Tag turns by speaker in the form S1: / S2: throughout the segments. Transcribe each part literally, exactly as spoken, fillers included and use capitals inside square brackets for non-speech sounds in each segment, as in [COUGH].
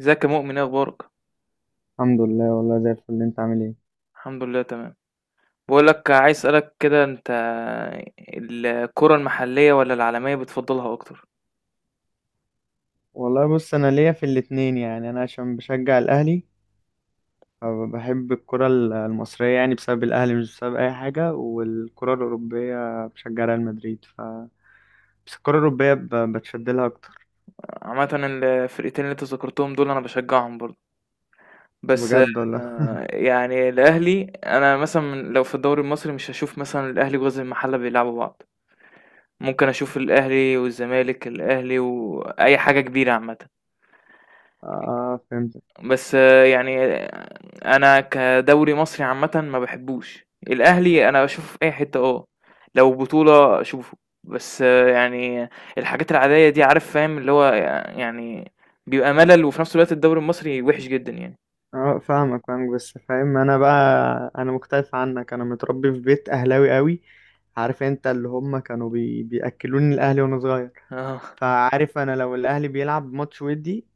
S1: ازيك يا مؤمن، ايه اخبارك؟
S2: الحمد لله، والله زي الفل. انت عامل ايه؟
S1: الحمد لله تمام. بقول لك، عايز اسالك كده، انت الكرة المحلية ولا العالمية بتفضلها اكتر؟
S2: والله بص، انا ليا في الاتنين. يعني انا عشان بشجع الاهلي فبحب الكرة ال- المصرية، يعني بسبب الاهلي، مش بسبب اي حاجة. والكرة الاوروبية بشجع ريال مدريد، ف بس الكرة الاوروبية ب- بتشد لها اكتر.
S1: عامة الفرقتين اللي انت ذكرتهم دول انا بشجعهم برضه. بس
S2: بجد والله.
S1: آه، يعني الاهلي، انا مثلا من- لو في الدوري المصري مش هشوف مثلا الاهلي وغزل المحلة بيلعبوا بعض. ممكن اشوف الاهلي والزمالك، الاهلي واي حاجة كبيرة عامة.
S2: اه فهمت.
S1: بس آه، يعني انا كدوري مصري عامه ما بحبوش الاهلي، انا بشوفه في اي حته. اه، لو بطوله اشوفه. بس آه، يعني الحاجات العاديه دي، عارف، فاهم اللي هو يعني بيبقى ملل، وفي نفس الوقت الدوري المصري وحش جدا يعني.
S2: اه فاهمك فاهمك بس فاهم انا بقى. انا مختلف عنك، انا متربي في بيت اهلاوي قوي. عارف انت، اللي هم كانوا بي... بياكلوني الاهلي وانا صغير.
S1: اه،
S2: فعارف انا لو الاهلي بيلعب ماتش ودي،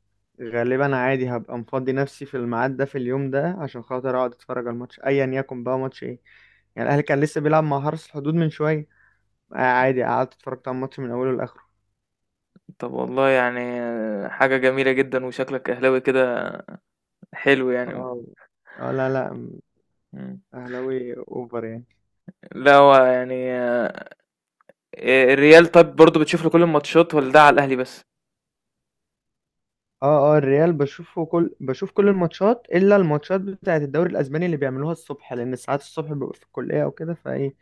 S2: غالبا عادي هبقى مفضي نفسي في الميعاد ده في اليوم ده عشان خاطر اقعد اتفرج على الماتش ايا يكن بقى ماتش ايه. يعني الاهلي كان لسه بيلعب مع حرس الحدود من شويه. آه، عادي قعدت اتفرجت على الماتش من اوله لاخره.
S1: طب والله يعني آه، حاجه جميله جدا، وشكلك اهلاوي كده، حلو يعني.
S2: اه اه، لا لا، م-
S1: مم.
S2: اهلاوي اوفر يعني.
S1: لا، هو يعني آه، الريال طب برضو بتشوف له كل الماتشات ولا ده على الاهلي بس؟
S2: اه اه، الريال بشوفه كل، بشوف كل الماتشات الا الماتشات بتاعه الدوري الاسباني اللي بيعملوها الصبح، لان ساعات الصبح ببقى في الكليه او كده، فايه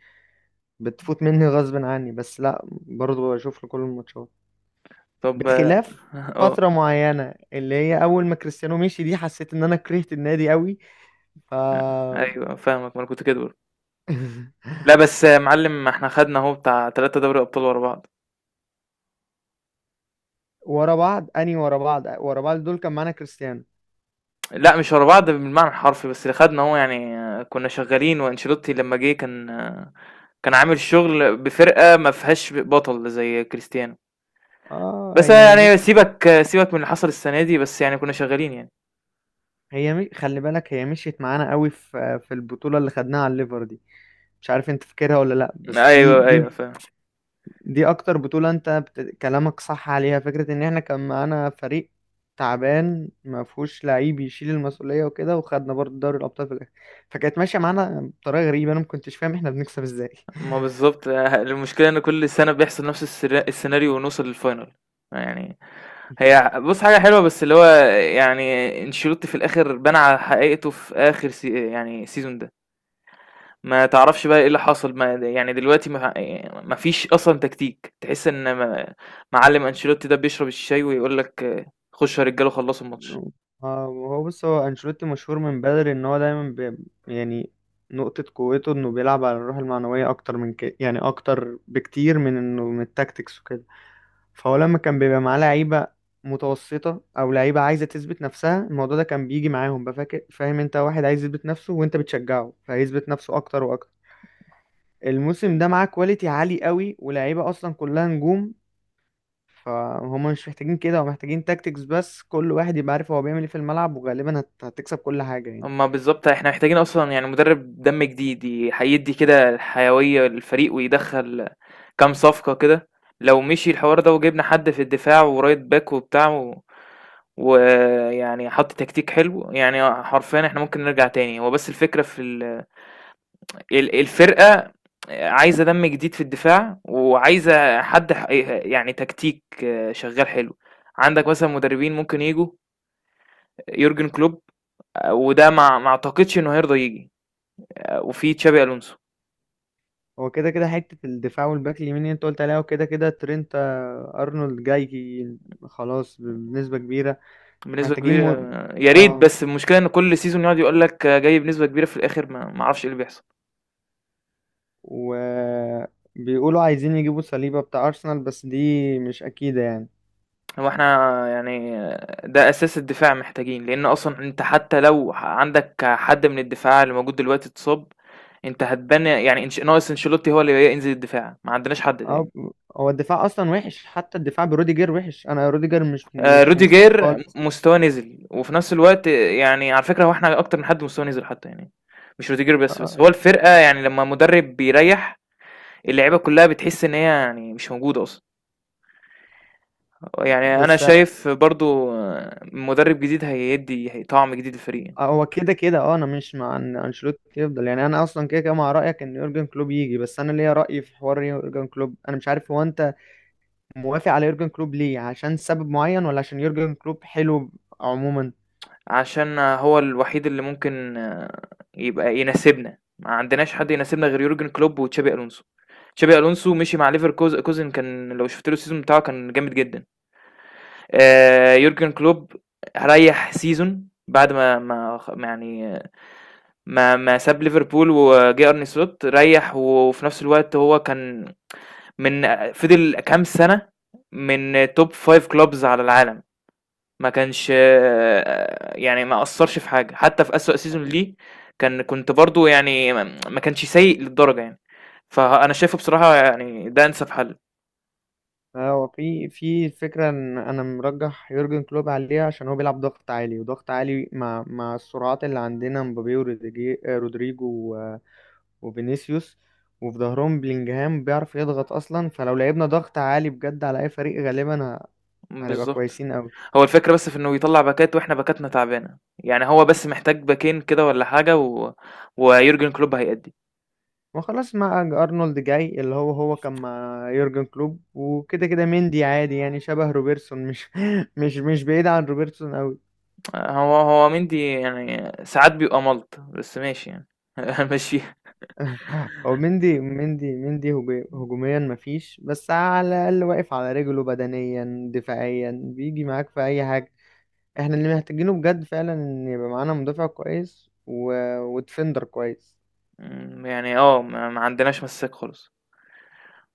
S2: بتفوت مني غصب عني، بس لا برضه بشوف له كل الماتشات.
S1: طب اه.
S2: بخلاف
S1: [LAUGHS] آه.
S2: فترة معينة اللي هي أول ما كريستيانو مشي دي، حسيت إن أنا كرهت النادي قوي. ف
S1: لأ، أيوه فاهمك، ما أنا كنت كده برضه.
S2: [LAUGHS]
S1: لأ، بس يا معلم، إحنا خدنا أهو بتاع ثلاثة دوري أبطال ورا بعض.
S2: ورا بعض، أني ورا بعض ورا بعض دول كان معانا كريستيانو.
S1: لأ مش ورا بعض بالمعنى الحرفي، بس اللي خدنا أهو يعني كنا شغالين، وأنشيلوتي لمّا جه كان كان عامل شغل بفرقة ما فيهاش بطل زي كريستيانو.
S2: آه
S1: بس
S2: هي
S1: يعني
S2: بص،
S1: سيبك سيبك من اللي حصل السنة دي، بس يعني كنا شغالين يعني.
S2: هي مش... خلي بالك، هي مشيت معانا قوي في في البطولة اللي خدناها على الليفر دي. مش عارف أنت فاكرها ولا لأ، بس دي
S1: أيوه،
S2: دي
S1: أيوه، فاهم.
S2: دي اكتر بطولة. انت بت... كلامك صح عليها فكرة، ان احنا كان معانا فريق تعبان ما فيهوش لعيب يشيل المسؤولية وكده، وخدنا برضه دوري الابطال في الاخر. فكانت ماشية معانا بطريقة غريبة، انا ما كنتش فاهم احنا بنكسب ازاي.
S1: ما بالضبط، المشكلة إن كل سنة بيحصل نفس السر السيناريو، ونوصل للfinal يعني. هي بُص، حاجة حلوة، بس اللي هو يعني أنشيلوتي في الآخر بان على حقيقته في آخر سي يعني السيزون ده. ما تعرفش بقى إيه اللي حصل، ما يعني دلوقتي ما آآ ما فيش أصلًا تكتيك، تحس إن ما معلم أنشيلوتي ده بيشرب الشاي ويقول لك خشوا يا رجالة وخلصوا الماتش.
S2: [LAUGHS] آه، هو بص، هو انشيلوتي مشهور من بدري ان هو دايما بي... يعني نقطة قوته انه بيلعب على الروح المعنوية اكتر من كده، يعني اكتر بكتير من انه من التاكتكس وكده. فهو لما كان بيبقى معاه لعيبة متوسطة أو لعيبة عايزة تثبت نفسها، الموضوع ده كان بيجي معاهم. بفاكر فاهم أنت، واحد عايز يثبت نفسه وأنت بتشجعه، فيثبت نفسه أكتر وأكتر. الموسم ده معاه كواليتي عالي قوي ولاعيبة أصلا كلها نجوم، فهم مش محتاجين كده. هم محتاجين تاكتكس بس، كل واحد يبقى عارف هو بيعمل ايه في الملعب، وغالبا هت- هتكسب كل حاجة يعني.
S1: أمّا بالضبط إحنا محتاجين أصلًا يعني مدرب دم جديد، ي هيدّي كده الحيوية للفريق، ويدخّل كام صفقة كده. لو مشي الحوار ده وجبنا حد في الدفاع ورايت باك وبتاع، ويعني حط تكتيك حلو، يعني حرفيا احنا ممكن نرجع تاني. هو بس الفكرة في ال... ال- الفرقة عايزة دم جديد في الدفاع، وعايزة حد ح- يعني تكتيك شغال حلو. عندك مثلا مدربين ممكن يجوا، يورجن كلوب، وده ما ما اعتقدش انه هيرضى يجي، وفي تشابي الونسو.
S2: هو كده كده حتة الدفاع والباك اليمين اللي انت قلت عليها، وكده كده ترينت آه، أرنولد جاي خلاص بنسبة كبيرة. إحنا
S1: بنسبة
S2: محتاجين
S1: كبيرة.
S2: م...
S1: يا ريت، بس
S2: اه،
S1: المشكلة ان كل سيزون يقعد يقول لك جاي بنسبة كبيرة، في الاخر ما ما اعرفش ايه اللي بيحصل.
S2: وبيقولوا عايزين يجيبوا صليبة بتاع أرسنال، بس دي مش أكيدة يعني.
S1: هو احنا يعني ده أساس الدفاع محتاجين، لأن أصلا أنت حتى لو عندك حد من الدفاع اللي موجود دلوقتي اتصاب، أنت هتبني يعني انش... ناقص انشيلوتي هو اللي ينزل الدفاع، ما عندناش حد تاني.
S2: أو هو الدفاع أصلا وحش، حتى الدفاع بروديجر وحش. أنا روديجر مش
S1: آه،
S2: مش في مستواه
S1: روديجير
S2: خالص.
S1: مستواه نزل، وفي نفس الوقت يعني على فكرة، هو احنا أكتر من حد مستواه نزل حتى يعني، مش روديجير
S2: آه،
S1: بس. بس
S2: آه.
S1: هو الفرقة يعني لما مدرب بيريح، اللعيبة كلها بتحس إن هي يعني مش موجودة أصلا. يعني أنا
S2: بس
S1: شايف برضو آه، مدرب جديد هيدي هي- طعم جديد للفريق.
S2: هو كده كده اه انا مش مع ان انشيلوتي يفضل، يعني انا اصلا كده كده مع رايك ان يورجن كلوب يجي. بس انا ليا راي في حوار يورجن كلوب، انا مش عارف هو انت موافق على يورجن كلوب ليه؟ عشان سبب معين ولا عشان يورجن كلوب حلو عموما؟
S1: عشان هو الوحيد اللي ممكن آه، يبقى يناسبنا، ما عندناش حد يناسبنا غير يورجن كلوب وتشابي ألونسو. تشابي ألونسو مشي مع ليفركوز كوزن كان لو شُفت له السيزون بتاعه كان جامد جدًا. آآ يورجن كلوب ريّح سيزون بعد ما ما خ ما يعني ما ما ساب ليفربول وجه أرني سلوت. ريّح، وفي نفس الوقت هو كان من آه، فضل كام سنة من top خمسة clubs على العالم. ما كانش آآ يعني ما أثّرش في حاجة، حتى في أسوأ season ليه كان كنت برضه يعني، ما ما كانش سيء للدرجة يعني. فأنا شايفه بصراحة يعني ده أنسب حل.
S2: آه، هو في في الفكرة، ان انا مرجح يورجن كلوب عليه عشان هو بيلعب ضغط عالي. وضغط عالي مع مع السرعات اللي عندنا، مبابي وروديجي- آه، رودريجو و- وفينيسيوس، وفي ظهرهم بلينجهام بيعرف يضغط اصلا. فلو لعبنا ضغط عالي بجد على اي فريق، غالبا ه- هنبقى
S1: بالضبط.
S2: كويسين قوي.
S1: هو الفكرة بس في إنه يطلّع باكات، وإحنا باكاتنا تعبانة، يعني هو بس محتاج باكين كده والّا حاجة، و ويورجن كلوب هيأدّي.
S2: وخلاص مع ارنولد جاي، اللي هو هو كان مع يورجن كلوب. وكده كده مندي عادي يعني، شبه روبرتسون، مش [LAUGHS] مش مش بعيد عن روبرتسون قوي.
S1: هو هو مندي يعني ساعات بيبقى مَلْط، بس ماشي يعني [LAUGHS] هنمشّيها.
S2: هو مندي مندي مندي هجو- هجوميا مفيش، بس على الأقل واقف على رجله بدنيا، دفاعيا بيجي معاك في أي حاجة. احنا اللي محتاجينه بجد فعلا، إن يبقى معانا مدافع كويس و... وديفندر كويس.
S1: إمم، يعني آه، ما ما عندناش مساك خالص.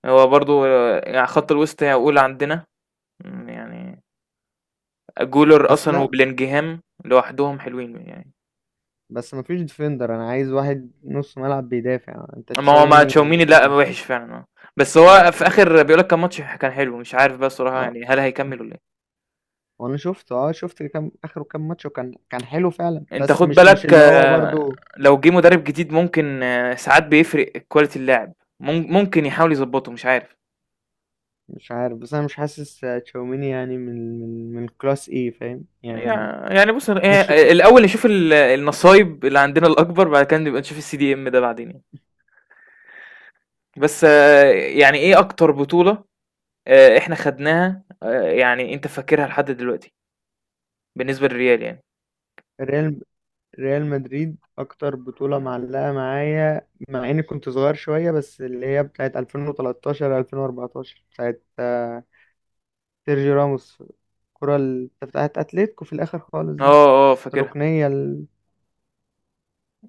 S1: هو برضه يعني خط الوسط يعقول عندنا إمم، يعني جولر
S2: بس
S1: أصلًا
S2: لا،
S1: وبلينجهام لوحدهم حلوين يعني.
S2: بس مفيش ديفندر. أنا عايز واحد نص ملعب بيدافع. أنت
S1: ما هو مع
S2: تشاوميني
S1: تشاوميني لأ،
S2: وكم
S1: وحش فعلًا آه، بس
S2: اه
S1: هو في
S2: و...
S1: آخر بيقول لك كان ماتش كان حلو. مش عارف بقى الصراحة
S2: اه،
S1: يعني، هل هيكمّل والّا
S2: وأنا شفته اه، شفت كام آخره كام ماتش وكان كان حلو فعلا،
S1: إيه؟ أنت
S2: بس
S1: خُد
S2: مش مش
S1: بالك
S2: اللي هو
S1: آه،
S2: برضو.
S1: لو جِه مدرب جديد ممكن آه، ساعات بيفرق quality اللاعب. مم ممكن يحاول يضبّطه، مش عارف.
S2: مش عارف، بس انا مش حاسس تشاوميني يعني من من من الكلاس، ايه فاهم يعني؟
S1: يع يعني بُص، هي
S2: مش
S1: الأول نشوف ال النصايب اللي عندنا الأكبر، بعد كده نبقى نشوف الCDM ده بعدين يعني. بس آه، يعني إيه أكتر بطولة آآ إحنا خدناها آآ يعني أنت فاكرها لحد دلوقتي؟ بالنسبة للريال يعني.
S2: ريال، ريال مدريد اكتر بطولة معلقة معايا، مع اني كنت صغير شوية، بس اللي هي بتاعت ألفين وتلتاشر ألفين واربعتاشر، بتاعت آه، سيرجي راموس. الكرة ال- بتاعت اتلتيكو في الاخر خالص دي،
S1: آه، آه، فاكرها.
S2: الركنية ال...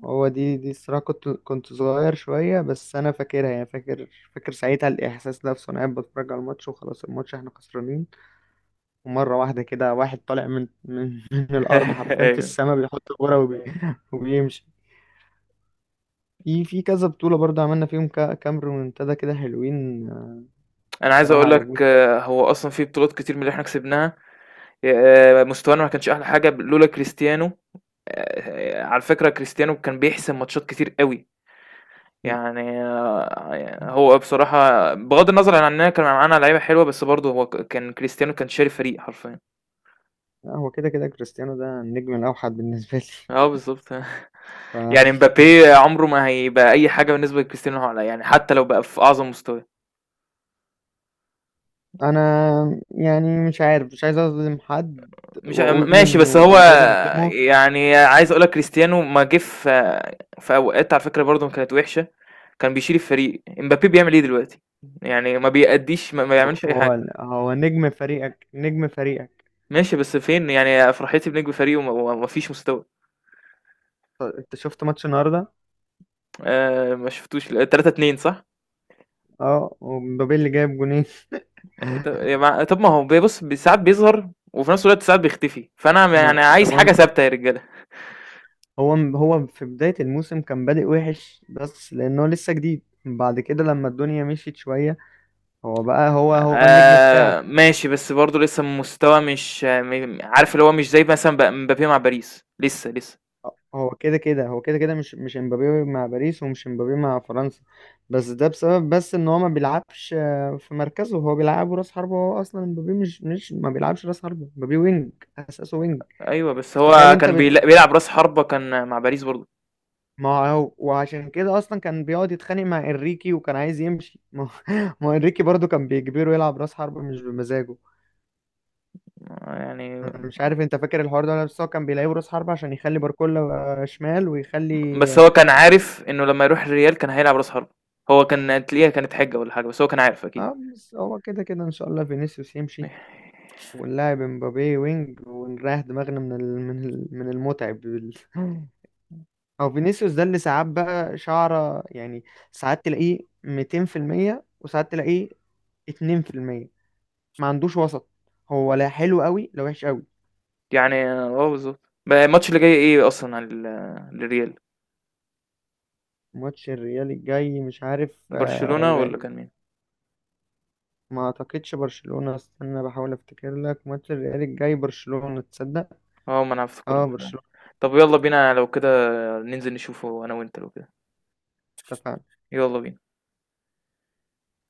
S2: هو دي دي الصراحة كنت كنت صغير شوية، بس انا فاكرها يعني. فاكر، فاكر ساعتها الاحساس نفسه، انا قاعد بتفرج على الماتش وخلاص، الماتش احنا خسرانين، ومرة واحدة كده واحد طالع من من [LAUGHS] من الأرض
S1: [LAUGHS]
S2: حرفيا في
S1: أيوه.
S2: السماء، بيحط الكورة وبي... وبيمشي. في في كذا بطولة برضه عملنا فيهم كا- كام ريمونتادا كده حلوين آه،
S1: أنا عايز
S2: الصراحة
S1: أقول لك
S2: عجبوني.
S1: آه، هو أصلًا في بطولات كتير من اللي إحنا كسبناها آآ مستوانا ما كانش أحلى حاجة ب لولا كريستيانو. آآ على فكرة، كريستيانو كان بيحسم ماتشات كتير أوي. يعني آه، هو بصراحة بغض النظر عن إننا كان معانا لعيبة حلوة، بس برضه هو ك كان كريستيانو كان شاري فريق حرفيًا.
S2: لا، هو كده كده كريستيانو ده النجم الأوحد بالنسبة
S1: آه،
S2: لي.
S1: بالضبط. [LAUGHS] يعني
S2: [LAUGHS]
S1: امبابي عمره ما هيبقى أي حاجة بالنسبة لكريستيانو، يعني حتى لو بقى في أعظم مستواه.
S2: فأنا يعني مش عارف، مش عايز أظلم حد
S1: مش
S2: وأقول
S1: ماشي،
S2: إنه،
S1: بس هو
S2: أو مش عايز أظلمه.
S1: يعني عايز أقول لك كريستيانو ما جه في في أوقات، على فكرة برضه كانت وحشة. كان بيشيل الفريق، امبابي بيعمل إيه دلوقتي؟ يعني ما بيأدّيش، ما ما
S2: هو
S1: بيعملش أي حاجة.
S2: هو هو نجم فريقك، نجم فريقك.
S1: ماشي، بس فين يعني فرحتي بنجم فريقي؟ وما وما فيش مستوى.
S2: أنت شفت ماتش النهاردة؟
S1: آآ ما شفتوش ل ثلاثة اثنين، صح؟
S2: أه، ومبابي اللي جايب جونين.
S1: ط يا
S2: [LAUGHS]
S1: مع طب ما هو بيبُص، ب ساعات بيظهر وفي نفس الوقت ساعات بيختفي. فأنا م
S2: ما-
S1: يعني عايز
S2: طب،
S1: حاجة ثابتة يا رجالة.
S2: هو هو في بداية الموسم كان بادئ وحش، بس لأنه لسه جديد. بعد كده لما الدنيا مشيت شوية، هو بقى هو هو النجم بتاعك.
S1: آه، ماشي، بس برضه لسه مستوى مش م- عارف، اللي هو مش زي مثلا ب- مبابي مع باريس لسه لسه.
S2: هو كده كده، هو كده كده مش مش امبابي مع باريس، ومش امبابي مع فرنسا. بس ده بسبب بس ان هو ما بيلعبش آه، في مركزه. هو بيلعبه راس حربة، هو اصلا امبابي مش، مش ما بيلعبش راس حربة، امبابي وينج، اساسه وينج.
S1: ايوه، بس
S2: تخيل
S1: هو
S2: انت
S1: كان
S2: بت...
S1: بيلا- بيلعب راس حربة، كان مع باريس برضه
S2: ما هو وعشان كده اصلا كان بيقعد يتخانق مع انريكي وكان عايز يمشي. ما هو [LAUGHS] ما هو انريكي برضو كان بيجبره يلعب راس حربة مش بمزاجه.
S1: يعني،
S2: أنا مش عارف انت فاكر الحوار ده ولا لأ، بس هو كان بيلعبه راس حربة عشان يخلي باركولا آه، شمال ويخلي.
S1: بس هو كان عارف انه لما يروح الريال كان هيلعب راس حربة. هو كان تلاقيها كانت حجة ولا حاجة، بس هو كان عارف اكيد
S2: اه بس هو كده كده ان شاء الله فينيسيوس يمشي، ونلاعب امبابي وينج، ونريح دماغنا من ال... من ال... من المتعب بال... [LAUGHS] او فينيسيوس ده اللي ساعات بقى شعره يعني، ساعات تلاقيه ميتين في المية وساعات تلاقيه اتنين في المية، ما عندوش وسط، هو لا حلو قوي لا وحش قوي.
S1: يعني. اه، بالظبط. بقى الماتش اللي جاي ايه اصلا على ال- للريال،
S2: ماتش الريال الجاي مش عارف
S1: برشلونة
S2: آه،
S1: ولا كان مين؟
S2: ما اعتقدش برشلونة، استنى بحاول افتكر لك. ماتش الريال الجاي برشلونة، تصدق؟
S1: اه، ما انا افتكرت.
S2: اه برشلونة.
S1: طب يلا بينا لو كده، ننزل نشوفه انا وانت لو كده.
S2: اتفقنا.
S1: يلا بينا.